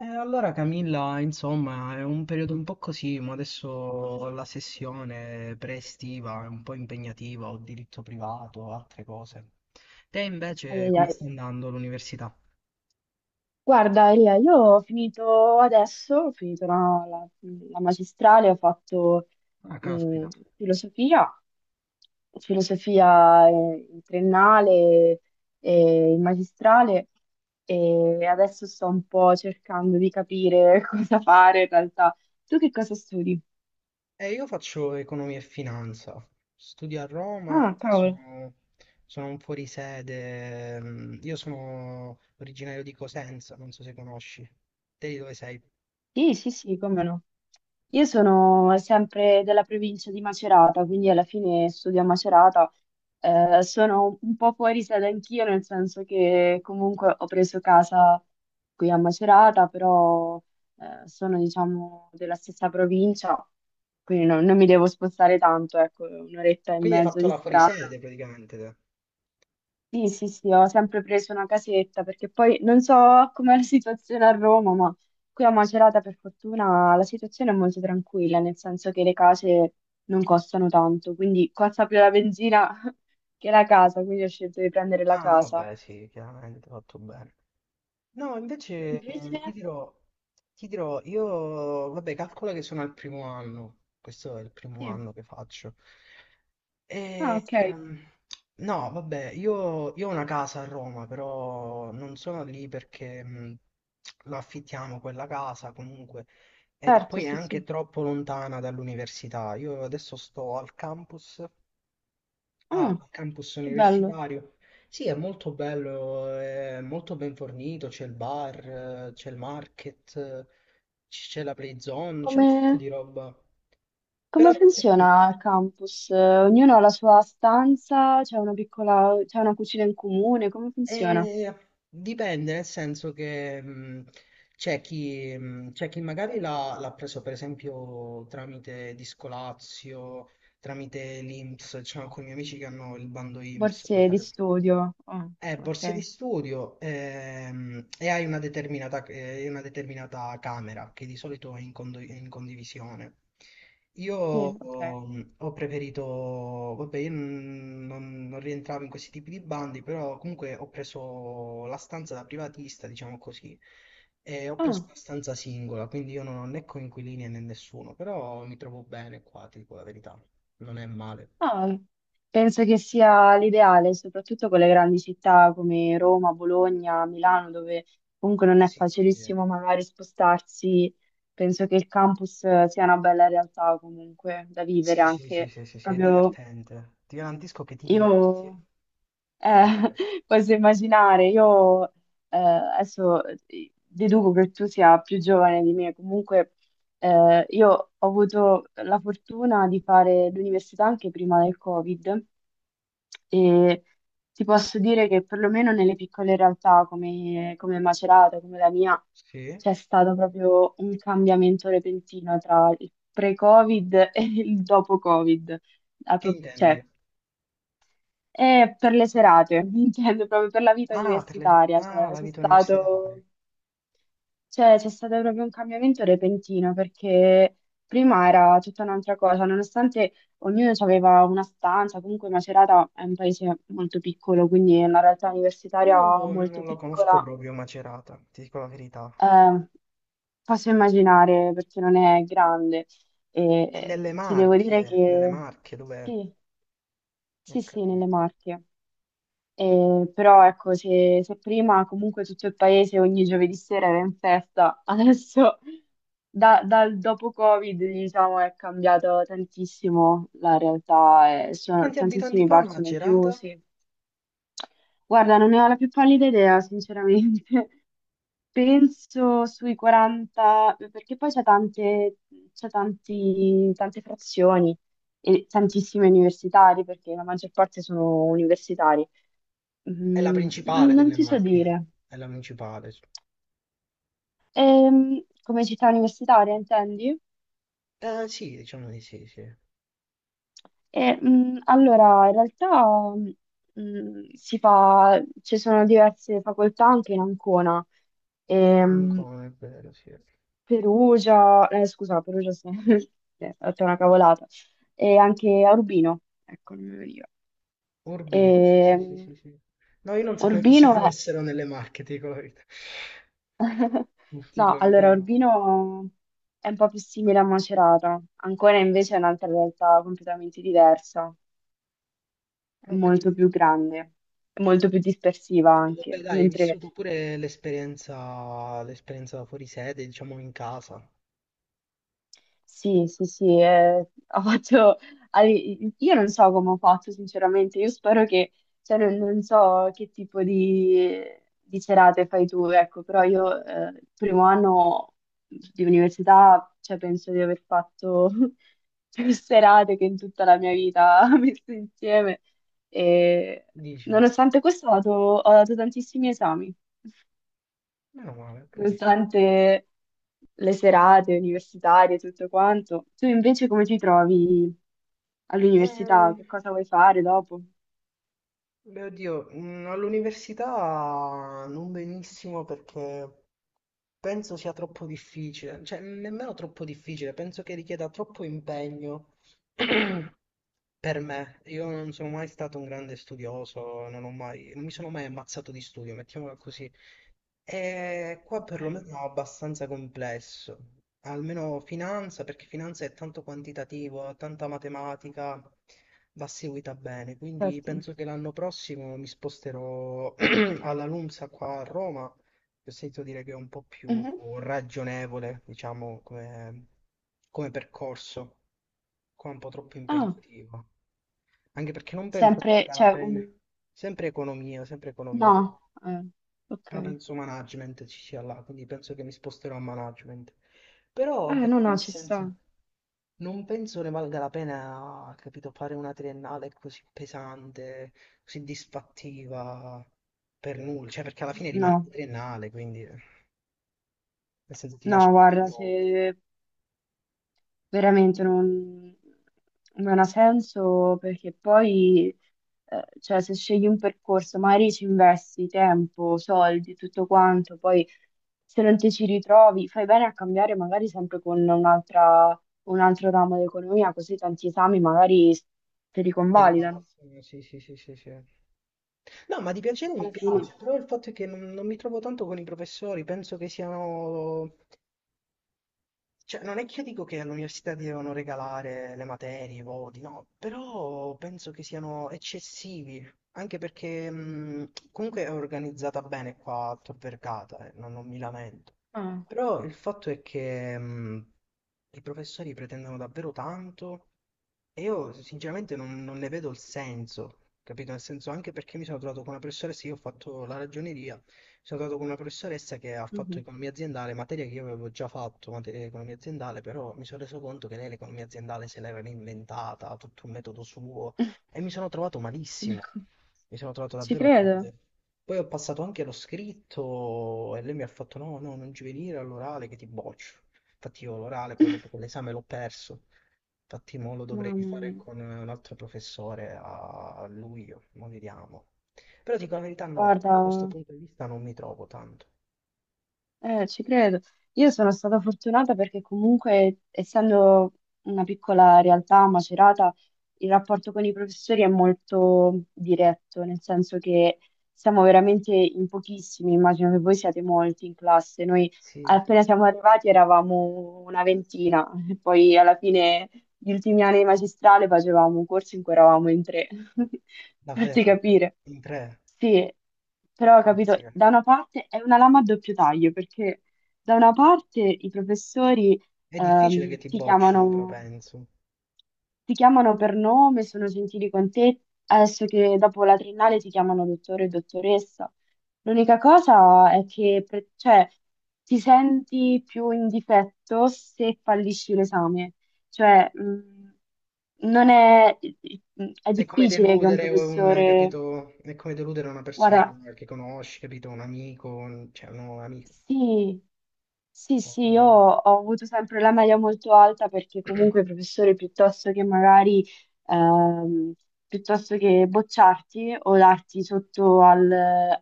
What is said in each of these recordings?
Allora Camilla, insomma, è un periodo un po' così, ma adesso la sessione pre-estiva è un po' impegnativa, ho diritto privato, altre cose. Te Ai, invece ai, come ai. sta andando l'università? Guarda, Elia, io ho finito adesso, ho finito la magistrale, ho fatto Ah, mh, caspita. filosofia, filosofia in triennale e in magistrale e adesso sto un po' cercando di capire cosa fare in realtà. Tu che cosa studi? Io faccio economia e finanza, studio a Roma, Ah, cavolo. sono un fuorisede, mm, io sono originario di Cosenza, non so se conosci. Te di dove sei? Sì, sì, sì, come no. Io sono sempre della provincia di Macerata, quindi alla fine studio a Macerata. Sono un po' fuori sede anch'io, nel senso che comunque ho preso casa qui a Macerata, però sono, diciamo, della stessa provincia, quindi non mi devo spostare tanto, ecco, un'oretta e Quindi hai mezzo fatto di la strada. fuorisede praticamente te. Sì, sì, sì, ho sempre preso una casetta perché poi non so com'è la situazione a Roma, ma qui a Macerata per fortuna la situazione è molto tranquilla, nel senso che le case non costano tanto, quindi costa più la benzina che la casa, quindi ho scelto di prendere la Ah, casa. vabbè, sì, chiaramente, fatto bene. No, Tu invece invece? ti dirò, io, vabbè, calcola che sono al primo anno, questo è il primo Sì. anno che faccio. Ah, E, ok. ehm, no, vabbè, io ho una casa a Roma, però non sono lì perché lo affittiamo quella casa comunque, e Certo, poi è sì, sì. anche troppo lontana dall'università. Io adesso sto al campus. Ah, Ah, campus che bello. universitario. Sì, è molto bello, è molto ben fornito, c'è il bar, c'è il market, c'è la play zone, c'è un sacco Come, di roba. Però come funziona il campus? Ognuno ha la sua stanza, c'è una piccola, c'è una cucina in comune, come funziona? eh, dipende, nel senso che c'è c'è chi magari l'ha preso per esempio tramite Discolazio, tramite l'INPS, c'è alcuni miei amici che hanno il bando INPS, per Borse di esempio. studio. Ah, Borse di ok. studio e hai una una determinata camera che di solito è in condivisione. Io Sì, ok. ho, Ho preferito, vabbè, io non, non- non rientravo in questi tipi di bandi, però comunque ho preso la stanza da privatista, diciamo così, e ho preso Ah, una stanza singola, quindi io non ho né coinquilini né nessuno, però mi trovo bene qua, ti dico la verità, non è male. ah, penso che sia l'ideale, soprattutto con le grandi città come Roma, Bologna, Milano, dove comunque non è Sì, eh. facilissimo magari spostarsi. Penso che il campus sia una bella realtà comunque da vivere Sì, sì, sì, anche sì, sì, sì, è proprio divertente. Ti garantisco che ti diverti. io. Eh, Ok. posso immaginare, io adesso deduco che tu sia più giovane di me, comunque io ho avuto la fortuna di fare l'università anche prima del Covid e ti posso dire che perlomeno nelle piccole realtà come, come Macerata, come la mia, Sì? c'è stato proprio un cambiamento repentino tra il pre-Covid e il dopo-Covid. A Che intendi? cioè, e per le serate, intendo proprio per la vita Ah, per le... universitaria, ah, la vita universitaria. Cioè, c'è stato proprio un cambiamento repentino perché prima era tutta un'altra cosa, nonostante ognuno aveva una stanza, comunque Macerata è un paese molto piccolo, quindi è una realtà Io universitaria molto non lo conosco piccola, proprio Macerata, ti dico la verità. eh, posso immaginare perché non è grande e È nelle ti devo dire che Marche, dove... sì, Ho sì, sì, nelle capito. Marche. Però ecco, se, se prima comunque tutto il paese ogni giovedì sera era in festa, adesso dal dopo Covid, diciamo, è cambiato tantissimo la realtà, e E quanti abitanti tantissimi fa bar sono Macerata? chiusi. Guarda, non ne ho la più pallida idea, sinceramente. Penso sui 40, perché poi c'è tante, tante frazioni e tantissime universitari, perché la maggior parte sono universitari. È la Mm, principale non delle ti so Marche. dire. È la principale. Come città universitaria, intendi? Sì, diciamo di sì, sì. E, allora, in realtà si fa, ci sono diverse facoltà anche in Ancona. Ehm, Ancora, è vero, sì. Perugia, scusa, Perugia, sì, eh, ho detto una cavolata. E anche a Urbino, ecco, non mi veniva. Urbi, sì, sì, sì, Ehm, sì, sì. No, io non sapevo che ci Urbino, fossero nelle Marche, ti dico la verità. Ti dico no, la verità, allora no. Urbino è un po' più simile a Macerata, Ancona invece è un'altra realtà completamente diversa, è Ho molto più capito. grande, è molto più dispersiva Dai, vabbè, anche, dai, hai mentre vissuto pure l'esperienza fuori sede, diciamo in casa. sì, sì, sì, ho fatto... Io non so come ho fatto, sinceramente, io spero che, cioè, non, non so che tipo di serate fai tu, ecco, però io il primo anno di università, cioè, penso di aver fatto più serate che in tutta la mia vita messe insieme e Dici, nonostante questo ho dato tantissimi esami meno male, ho capito. durante le serate universitarie e tutto quanto. Tu invece come ti trovi all'università? Che Eh, cosa vuoi fare dopo? Beh, oddio, mm, all'università non benissimo perché penso sia troppo difficile, cioè nemmeno troppo difficile, penso che richieda troppo impegno per me. Io non sono mai stato un grande studioso, non mi sono mai ammazzato di studio, mettiamola così. E qua Ok. perlomeno è abbastanza complesso. Almeno finanza, perché finanza è tanto quantitativo, ha tanta matematica, va seguita bene. Quindi Certo. penso che l'anno prossimo mi sposterò alla LUMSA qua a Roma, che ho sentito dire che è un po' più Mhm. ragionevole, diciamo, come, come percorso. Qua è un po' troppo Ah, impegnativo. Anche perché non penso sempre, valga la cioè, un- pena. Sempre economia, sempre economia. no, eh, ok. Però penso management ci sia là, quindi penso che mi sposterò a management. Però, No, capito, no, nel ci sta. senso... Non penso ne valga la pena, capito, fare una triennale così pesante, così disfattiva per nulla, cioè perché alla fine rimane una No, triennale, quindi nel senso ti no, lascio ben guarda, poco. se veramente non, non ha senso perché poi, cioè, se scegli un percorso, magari ci investi tempo, soldi, tutto quanto, poi se non ti ci ritrovi, fai bene a cambiare magari sempre con un altro ramo d'economia, così tanti esami magari te li E convalidano. ripassano, sì, sì, sì, sì, sì. No, ma di piacere mi Alla fine, piace, però il fatto è che non mi trovo tanto con i professori, penso che siano. Cioè, non è che io dico che all'università ti devono regalare le materie, i voti, no, però penso che siano eccessivi, anche perché comunque è organizzata bene qua a Tor Vergata, non mi lamento. ah, Però il fatto è che i professori pretendono davvero tanto e io sinceramente non ne vedo il senso, capito? Nel senso anche perché mi sono trovato con una professoressa, io ho fatto la ragioneria, mi sono trovato con una professoressa che ha fatto mhm. economia aziendale, materia che io avevo già fatto, materia di economia aziendale, però mi sono reso conto che lei l'economia aziendale se l'aveva inventata, tutto un metodo suo, e mi sono trovato malissimo, Ecco, mi sono trovato ci davvero credo. male. Poi ho passato anche lo scritto e lei mi ha fatto no, no, non ci venire all'orale che ti boccio. Infatti io l'orale poi dopo quell'esame l'ho perso. Infatti mo lo dovrei Mamma fare mia. con un altro professore a luglio, ma vediamo. Però dico la verità, no, Guarda. da questo punto di vista non mi trovo tanto. Ci credo. Io sono stata fortunata perché comunque, essendo una piccola realtà a Macerata, il rapporto con i professori è molto diretto, nel senso che siamo veramente in pochissimi, immagino che voi siate molti in classe. Noi Sì, sì. appena siamo arrivati eravamo una ventina, e poi alla fine gli ultimi anni di magistrale facevamo un corso in cui eravamo in tre, farti Davvero, capire. in tre, Sì, però ho capito, pizzica. da una parte è una lama a doppio taglio, perché da una parte i professori È difficile che ehm, ti ti boccino, però chiamano penso. ti chiamano per nome, sono gentili con te, adesso che dopo la triennale ti chiamano dottore o dottoressa. L'unica cosa è che cioè, ti senti più in difetto se fallisci l'esame. Cioè, non è, è È come difficile che un deludere un, professore... capito? È come deludere una persona Guarda, che conosci, capito? Cioè un nuovo amico. sì, sì, Oh, sì, io bello. ho avuto sempre la media molto alta perché comunque i professori piuttosto che magari, ehm, piuttosto che bocciarti o darti sotto al,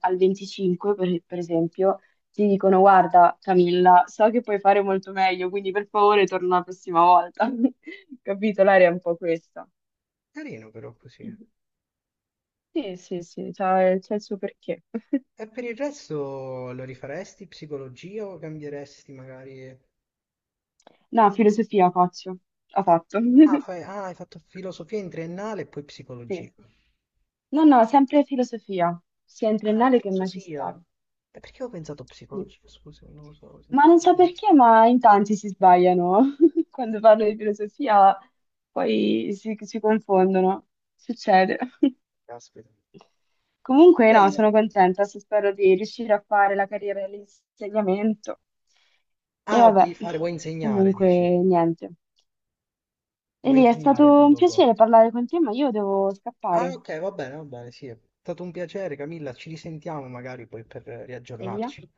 al 25, per esempio, ti dicono guarda Camilla, so che puoi fare molto meglio, quindi per favore torna la prossima volta. Capito? L'area è un po' questa. Carino però così. Sì, sì, sì, c'ha il suo perché. E per il resto lo rifaresti psicologia o cambieresti magari... No, filosofia faccio, ho fatto. Ah, ah, hai fatto filosofia in triennale e poi Sì. psicologia. No, no, sempre filosofia, sia in Ah, triennale che in filosofia. magistrale. E perché ho pensato Sì. psicologia? Scusa, non lo so. Ho Ma sentito... non so perché, ma in tanti si sbagliano. Quando parlo di filosofia, poi si confondono. Succede. Caspita. Va Comunque, no, bene. sono contenta, se spero di riuscire a fare la carriera dell'insegnamento. E Ah, vuoi vabbè, fare, vuoi insegnare, comunque, dici? niente. Vuoi Elia, è insegnare stato tu un dopo? piacere parlare con te, ma io devo Ah, scappare. ok, va bene, sì. È stato un piacere, Camilla. Ci risentiamo magari poi per Elia? riaggiornarci.